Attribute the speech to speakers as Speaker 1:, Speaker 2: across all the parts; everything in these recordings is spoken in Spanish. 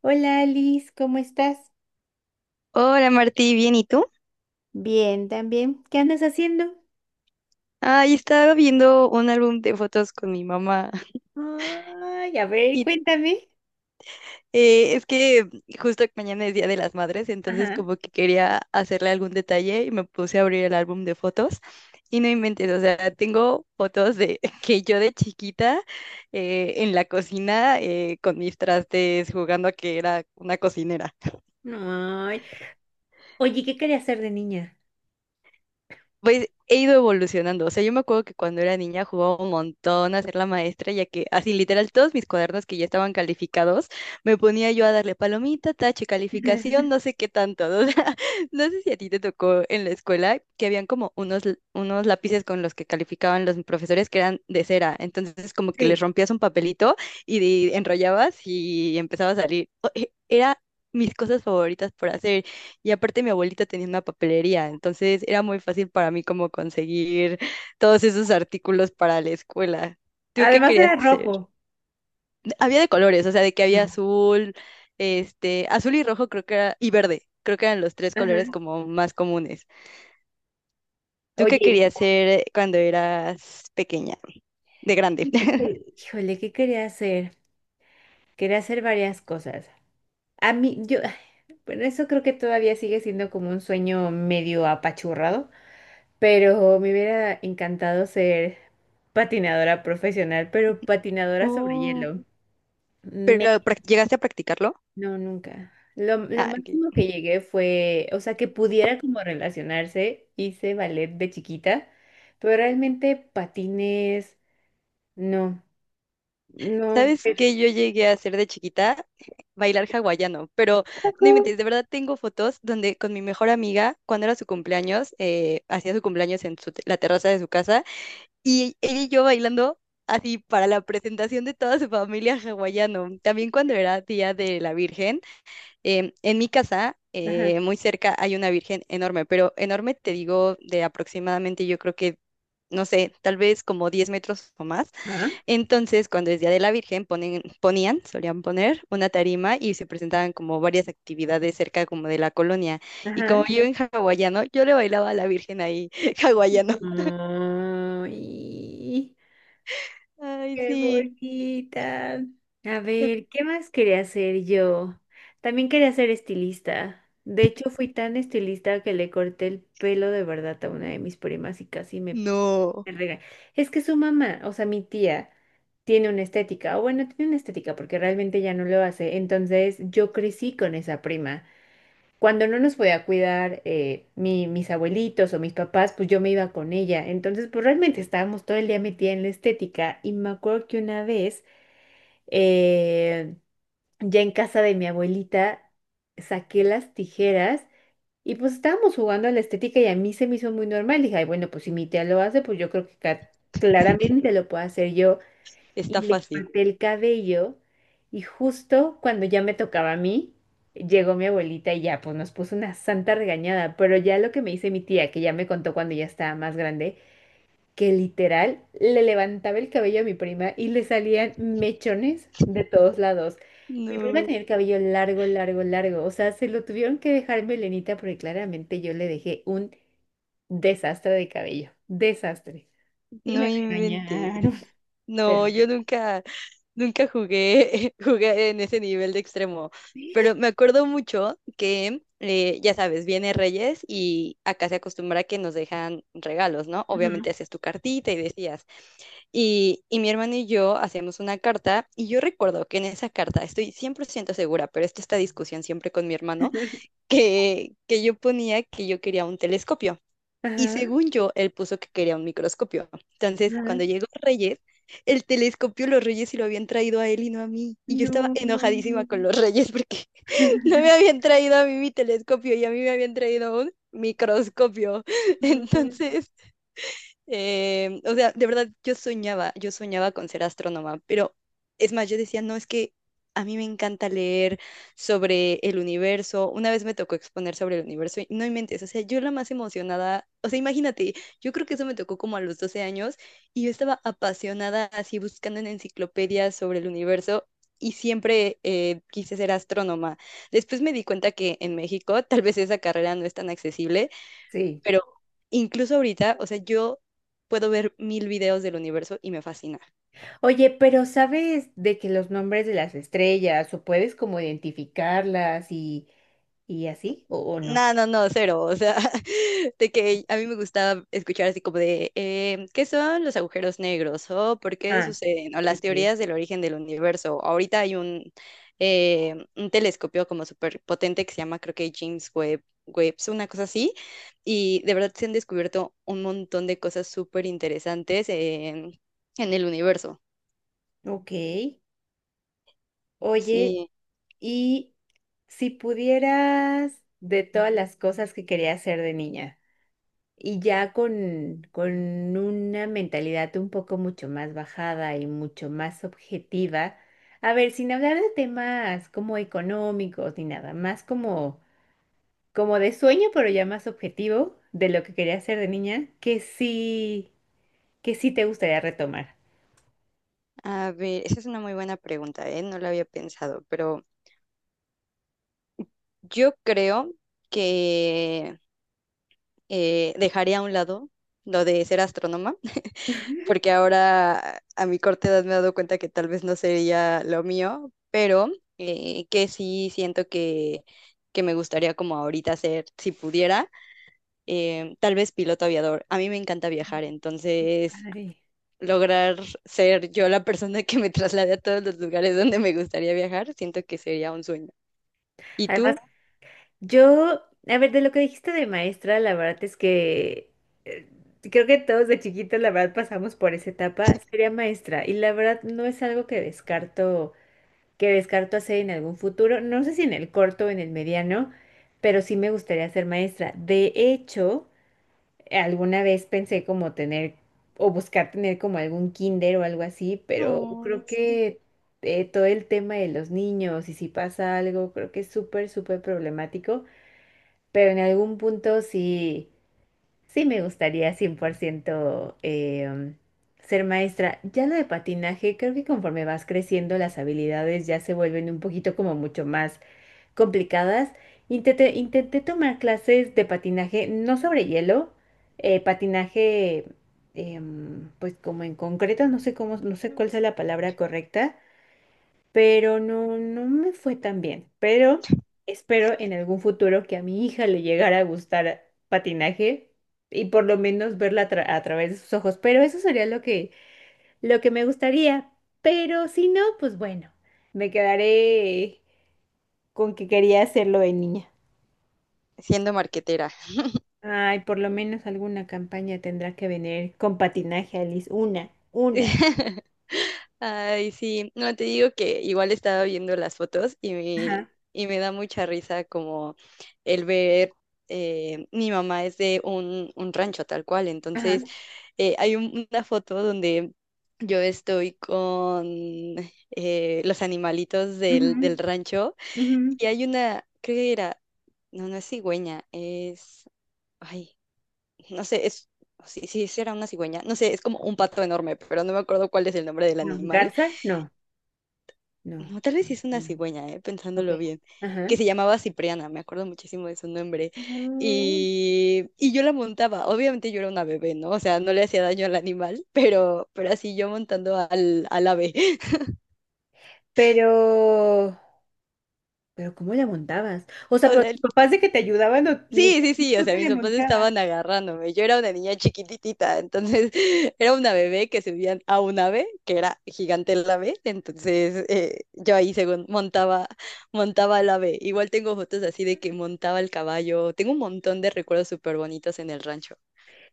Speaker 1: Hola Alice, ¿cómo estás?
Speaker 2: Hola Martí, ¿bien y tú?
Speaker 1: Bien, también. ¿Qué andas haciendo?
Speaker 2: Ay, estaba viendo un álbum de fotos con mi mamá
Speaker 1: Ay, a ver,
Speaker 2: y
Speaker 1: cuéntame.
Speaker 2: es que justo mañana es Día de las Madres, entonces
Speaker 1: Ajá.
Speaker 2: como que quería hacerle algún detalle y me puse a abrir el álbum de fotos y no inventes, o sea, tengo fotos de que yo de chiquita en la cocina con mis trastes jugando a que era una cocinera.
Speaker 1: Ay. Oye, ¿qué quería hacer de niña?
Speaker 2: Pues he ido evolucionando. O sea, yo me acuerdo que cuando era niña jugaba un montón a ser la maestra, ya que así literal todos mis cuadernos que ya estaban calificados, me ponía yo a darle palomita, tache, calificación, no sé qué tanto. O sea, no sé si a ti te tocó en la escuela que habían como unos, unos lápices con los que calificaban los profesores que eran de cera. Entonces, como que les
Speaker 1: Sí,
Speaker 2: rompías un papelito y enrollabas y empezaba a salir. Era mis cosas favoritas por hacer. Y aparte mi abuelita tenía una papelería, entonces era muy fácil para mí como conseguir todos esos artículos para la escuela. ¿Tú qué
Speaker 1: además
Speaker 2: querías
Speaker 1: era
Speaker 2: hacer?
Speaker 1: rojo.
Speaker 2: Había de colores, o sea, de que había
Speaker 1: No.
Speaker 2: azul, este, azul y rojo creo que era, y verde, creo que eran los tres colores
Speaker 1: Ajá.
Speaker 2: como más comunes. ¿Tú qué
Speaker 1: Oye,
Speaker 2: querías hacer cuando eras pequeña, de grande?
Speaker 1: híjole, ¿qué quería hacer? Quería hacer varias cosas. A mí, yo, bueno, eso creo que todavía sigue siendo como un sueño medio apachurrado, pero me hubiera encantado ser patinadora profesional, pero patinadora sobre
Speaker 2: Oh,
Speaker 1: hielo. Me
Speaker 2: pero ¿llegaste a practicarlo?
Speaker 1: No, nunca. Lo
Speaker 2: Ah,
Speaker 1: máximo
Speaker 2: ok.
Speaker 1: que llegué fue, o sea, que pudiera como relacionarse, hice ballet de chiquita, pero realmente patines, no, no.
Speaker 2: ¿Sabes qué yo llegué a hacer de chiquita? Bailar hawaiano, pero no inventes, de verdad tengo fotos donde con mi mejor amiga, cuando era su cumpleaños, hacía su cumpleaños en la terraza de su casa, y ella y yo bailando así para la presentación de toda su familia hawaiano. También cuando era Día de la Virgen, en mi casa,
Speaker 1: Ajá,
Speaker 2: muy cerca, hay una virgen enorme, pero enorme te digo de aproximadamente, yo creo que, no sé, tal vez como 10 metros o más.
Speaker 1: ajá,
Speaker 2: Entonces, cuando es Día de la Virgen, ponen, ponían, solían poner una tarima y se presentaban como varias actividades cerca como de la colonia. Y como
Speaker 1: ajá.
Speaker 2: yo en hawaiano, yo le bailaba a la Virgen ahí, hawaiano.
Speaker 1: Ay,
Speaker 2: Ay,
Speaker 1: qué
Speaker 2: sí.
Speaker 1: bonita. A ver, ¿qué más quería hacer yo? También quería ser estilista. De hecho, fui tan estilista que le corté el pelo de verdad a una de mis primas y casi
Speaker 2: No,
Speaker 1: me rega- Es que su mamá, o sea, mi tía, tiene una estética, o bueno, tiene una estética porque realmente ya no lo hace. Entonces yo crecí con esa prima. Cuando no nos podía cuidar mis abuelitos o mis papás, pues yo me iba con ella. Entonces, pues realmente estábamos todo el día metida en la estética. Y me acuerdo que una vez, eh, ya en casa de mi abuelita, saqué las tijeras. Y pues estábamos jugando a la estética y a mí se me hizo muy normal. Dije, ay, bueno, pues si mi tía lo hace, pues yo creo que claramente lo puedo hacer yo.
Speaker 2: está
Speaker 1: Y le
Speaker 2: fácil.
Speaker 1: corté el cabello y justo cuando ya me tocaba a mí, llegó mi abuelita y ya, pues nos puso una santa regañada. Pero ya lo que me dice mi tía, que ya me contó cuando ya estaba más grande, que literal le levantaba el cabello a mi prima y le salían mechones de todos lados. Mi prima
Speaker 2: No,
Speaker 1: tenía el cabello largo, largo, largo. O sea, se lo tuvieron que dejar melenita porque claramente yo le dejé un desastre de cabello. Desastre. Y
Speaker 2: no
Speaker 1: me
Speaker 2: inventes.
Speaker 1: regañaron. Pero...
Speaker 2: No, yo nunca. Nunca jugué, jugué en ese nivel de extremo, pero me acuerdo mucho que, ya sabes, viene Reyes y acá se acostumbra que nos dejan regalos, ¿no? Obviamente
Speaker 1: bueno.
Speaker 2: hacías tu cartita y decías. Y mi hermano y yo hacíamos una carta y yo recuerdo que en esa carta, estoy 100% segura, pero esto esta discusión siempre con mi hermano,
Speaker 1: Ujú.
Speaker 2: que yo ponía que yo quería un telescopio. Y
Speaker 1: Ajá,
Speaker 2: según yo, él puso que quería un microscopio. Entonces,
Speaker 1: ajá,
Speaker 2: cuando llegó Reyes, el telescopio los Reyes se lo habían traído a él y no a mí. Y yo estaba
Speaker 1: no.
Speaker 2: enojadísima con los Reyes porque no me habían traído a mí mi telescopio y a mí me habían traído un microscopio. Entonces, o sea, de verdad, yo soñaba con ser astrónoma, pero es más, yo decía, no, es que a mí me encanta leer sobre el universo. Una vez me tocó exponer sobre el universo y no inventes, o sea, yo la más emocionada, o sea, imagínate, yo creo que eso me tocó como a los 12 años y yo estaba apasionada así buscando en enciclopedias sobre el universo. Y siempre quise ser astrónoma. Después me di cuenta que en México tal vez esa carrera no es tan accesible,
Speaker 1: Sí.
Speaker 2: pero incluso ahorita, o sea, yo puedo ver mil videos del universo y me fascina.
Speaker 1: Oye, pero ¿sabes de que los nombres de las estrellas o puedes como identificarlas y así o no?
Speaker 2: No, no, no, cero. O sea, de que a mí me gustaba escuchar así como de, ¿qué son los agujeros negros? ¿O por qué
Speaker 1: Ah,
Speaker 2: suceden? O las
Speaker 1: ok.
Speaker 2: teorías del origen del universo. Ahorita hay un telescopio como súper potente que se llama, creo que James Webb, Webb, una cosa así. Y de verdad se han descubierto un montón de cosas súper interesantes en el universo.
Speaker 1: Ok. Oye,
Speaker 2: Sí,
Speaker 1: y si pudieras de todas las cosas que querías hacer de niña, y ya con una mentalidad un poco mucho más bajada y mucho más objetiva, a ver, sin hablar de temas como económicos ni nada, más como, como de sueño, pero ya más objetivo de lo que querías hacer de niña, que sí te gustaría retomar.
Speaker 2: a ver, esa es una muy buena pregunta, ¿eh? No la había pensado, pero yo creo que dejaría a un lado lo de ser astrónoma, porque ahora a mi corta edad me he dado cuenta que tal vez no sería lo mío, pero que sí siento que me gustaría como ahorita ser, si pudiera, tal vez piloto aviador. A mí me encanta viajar,
Speaker 1: Qué
Speaker 2: entonces
Speaker 1: padre.
Speaker 2: lograr ser yo la persona que me traslade a todos los lugares donde me gustaría viajar, siento que sería un sueño. ¿Y
Speaker 1: Además
Speaker 2: tú?
Speaker 1: Yo, a ver, de lo que dijiste de maestra, la verdad es que eh, creo que todos de chiquitos, la verdad, pasamos por esa etapa, sería maestra. Y la verdad no es algo que descarto hacer en algún futuro, no sé si en el corto o en el mediano, pero sí me gustaría ser maestra. De hecho, alguna vez pensé como tener o buscar tener como algún kinder o algo así, pero
Speaker 2: Ay,
Speaker 1: creo
Speaker 2: sí.
Speaker 1: que todo el tema de los niños y si pasa algo, creo que es súper, súper problemático. Pero en algún punto sí, sí me gustaría 100% ser maestra. Ya lo de patinaje, creo que conforme vas creciendo, las habilidades ya se vuelven un poquito como mucho más complicadas. Intenté tomar clases de patinaje, no sobre hielo, patinaje, pues como en concreto, no sé cómo, no sé cuál sea la palabra correcta, pero no, no me fue tan bien. Pero espero en algún futuro que a mi hija le llegara a gustar patinaje y por lo menos verla a, a través de sus ojos. Pero eso sería lo que me gustaría. Pero si no, pues bueno, me quedaré con que quería hacerlo de niña.
Speaker 2: ¿Siendo marquetera?
Speaker 1: Ay, por lo menos alguna campaña tendrá que venir con patinaje, Alice. Una, una.
Speaker 2: Ay, sí, no te digo que igual estaba viendo las fotos
Speaker 1: Ajá,
Speaker 2: y me da mucha risa como el ver, mi mamá es de un rancho tal cual,
Speaker 1: ajá.
Speaker 2: entonces hay una foto donde yo estoy con los animalitos del,
Speaker 1: Ujú,
Speaker 2: del rancho
Speaker 1: ujú.
Speaker 2: y hay una, creo que era, no, no es cigüeña, es... Ay, no sé, es, si, si era una cigüeña, no sé, es como un pato enorme, pero no me acuerdo cuál es el nombre del
Speaker 1: No,
Speaker 2: animal.
Speaker 1: Garza, no, no.
Speaker 2: No, tal vez
Speaker 1: No,
Speaker 2: sí es una
Speaker 1: no.
Speaker 2: cigüeña,
Speaker 1: Ok.
Speaker 2: pensándolo bien, que
Speaker 1: Ajá.
Speaker 2: se llamaba Cipriana, me acuerdo muchísimo de su nombre.
Speaker 1: Mm.
Speaker 2: Y yo la montaba, obviamente yo era una bebé, ¿no? O sea, no le hacía daño al animal, pero así yo montando al, al ave.
Speaker 1: Pero, pero ¿cómo le montabas? O sea,
Speaker 2: O
Speaker 1: pero
Speaker 2: sea,
Speaker 1: tus papás de que te ayudaban o
Speaker 2: sí, sí,
Speaker 1: literalmente
Speaker 2: sí, o
Speaker 1: tú
Speaker 2: sea,
Speaker 1: te
Speaker 2: mis
Speaker 1: le
Speaker 2: papás
Speaker 1: montabas.
Speaker 2: estaban agarrándome. Yo era una niña chiquititita, entonces era una bebé que subían a un ave, que era gigante el ave, entonces yo ahí según montaba, montaba el ave. Igual tengo fotos así de que montaba el caballo. Tengo un montón de recuerdos súper bonitos en el rancho.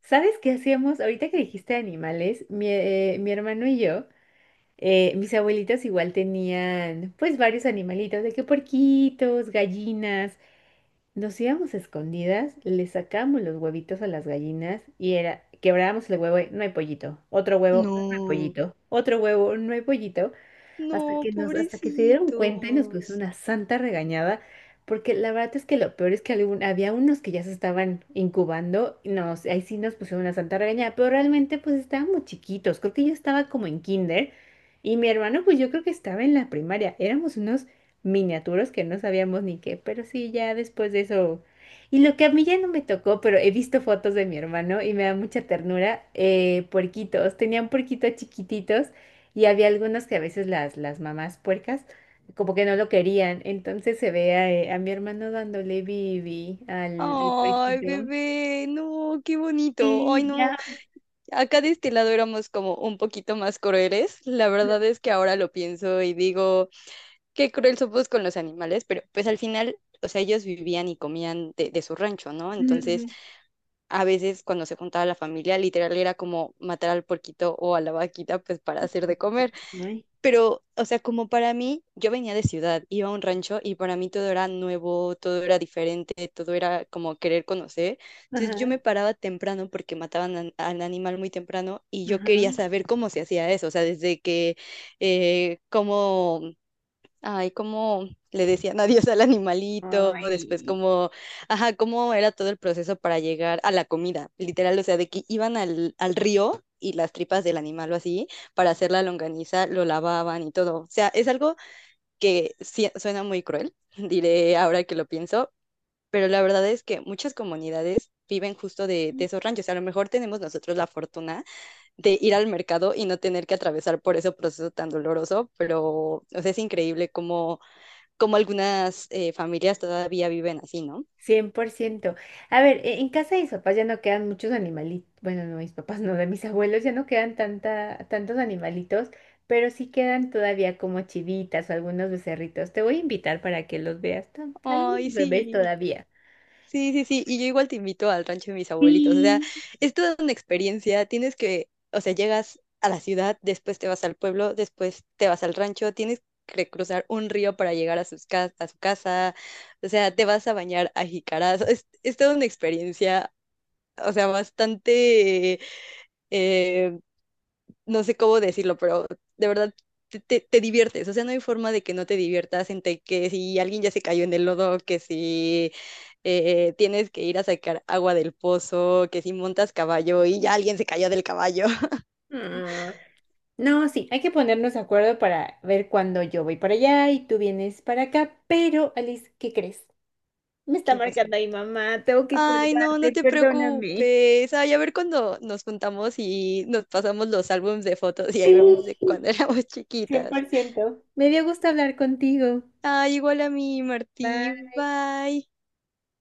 Speaker 1: ¿Sabes qué hacíamos? Ahorita que dijiste animales, mi hermano y yo, mis abuelitas igual tenían pues varios animalitos, de que porquitos, gallinas. Nos íbamos a escondidas, le sacábamos los huevitos a las gallinas y era, quebrábamos el huevo, y, no hay pollito, otro huevo, no hay
Speaker 2: No,
Speaker 1: pollito, otro huevo, no hay pollito. Hasta
Speaker 2: no,
Speaker 1: que nos, hasta que se dieron cuenta y nos puso
Speaker 2: pobrecitos.
Speaker 1: una santa regañada, porque la verdad es que lo peor es que había unos que ya se estaban incubando, y nos, ahí sí nos pusieron una santa regañada, pero realmente pues estábamos chiquitos, creo que yo estaba como en kinder y mi hermano pues yo creo que estaba en la primaria, éramos unos miniaturos que no sabíamos ni qué, pero sí, ya después de eso... Y lo que a mí ya no me tocó, pero he visto fotos de mi hermano y me da mucha ternura, puerquitos. Tenían puerquitos chiquititos y había algunas que a veces las mamás puercas como que no lo querían. Entonces se ve a mi hermano dándole bibi al... El
Speaker 2: Ay,
Speaker 1: puerquito.
Speaker 2: bebé, no, qué bonito. Ay,
Speaker 1: Sí,
Speaker 2: no.
Speaker 1: ya.
Speaker 2: A cada destilado éramos como un poquito más crueles. La verdad es que ahora lo pienso y digo, qué cruel somos con los animales, pero pues al final, o sea, ellos vivían y comían de su rancho, ¿no? Entonces,
Speaker 1: Ujú,
Speaker 2: a veces cuando se juntaba la familia, literal era como matar al porquito o a la vaquita, pues para hacer de comer.
Speaker 1: ujú. Ay,
Speaker 2: Pero, o sea, como para mí, yo venía de ciudad, iba a un rancho y para mí todo era nuevo, todo era diferente, todo era como querer conocer. Entonces yo
Speaker 1: ajá,
Speaker 2: me paraba temprano porque mataban al animal muy temprano y yo
Speaker 1: ajá,
Speaker 2: quería saber cómo se hacía eso, o sea, desde que, cómo, ay, cómo le decían adiós al animalito, después
Speaker 1: ay.
Speaker 2: cómo, ajá, cómo era todo el proceso para llegar a la comida, literal, o sea, de que iban al, al río y las tripas del animal o así, para hacer la longaniza, lo lavaban y todo. O sea, es algo que sí suena muy cruel, diré ahora que lo pienso, pero la verdad es que muchas comunidades viven justo de esos ranchos. A lo mejor tenemos nosotros la fortuna de ir al mercado y no tener que atravesar por ese proceso tan doloroso, pero, o sea, es increíble cómo como algunas familias todavía viven así, ¿no?
Speaker 1: Cien por ciento. A ver, en casa de mis papás ya no quedan muchos animalitos, bueno, no, mis papás no, de mis abuelos ya no quedan tanta, tantos animalitos, pero sí quedan todavía como chivitas o algunos becerritos. Te voy a invitar para que los veas, algunos
Speaker 2: Ay,
Speaker 1: bebés
Speaker 2: sí,
Speaker 1: todavía.
Speaker 2: sí, sí, sí. Y yo igual te invito al rancho de mis abuelitos. O sea,
Speaker 1: Sí.
Speaker 2: es toda una experiencia. Tienes que, o sea, llegas a la ciudad, después te vas al pueblo, después te vas al rancho, tienes que cruzar un río para llegar a, a su casa. O sea, te vas a bañar a jicaras. Es toda una experiencia. O sea, bastante eh, no sé cómo decirlo, pero de verdad te, te diviertes. O sea, no hay forma de que no te diviertas entre que si alguien ya se cayó en el lodo, que si tienes que ir a sacar agua del pozo, que si montas caballo y ya alguien se cayó del caballo.
Speaker 1: Ah, no, sí, hay que ponernos de acuerdo para ver cuándo yo voy para allá y tú vienes para acá. Pero, Alice, ¿qué crees? Me está
Speaker 2: ¿Qué pasó?
Speaker 1: marcando ahí, mamá. Tengo que
Speaker 2: Ay, no, no
Speaker 1: colgarte,
Speaker 2: te
Speaker 1: perdóname.
Speaker 2: preocupes. Ay, a ver cuando nos juntamos y nos pasamos los álbumes de fotos y ahí
Speaker 1: Sí,
Speaker 2: vemos de cuando éramos
Speaker 1: cien por
Speaker 2: chiquitas.
Speaker 1: ciento. Me dio gusto hablar contigo.
Speaker 2: Ay, igual a mí, Martí.
Speaker 1: Bye.
Speaker 2: Bye.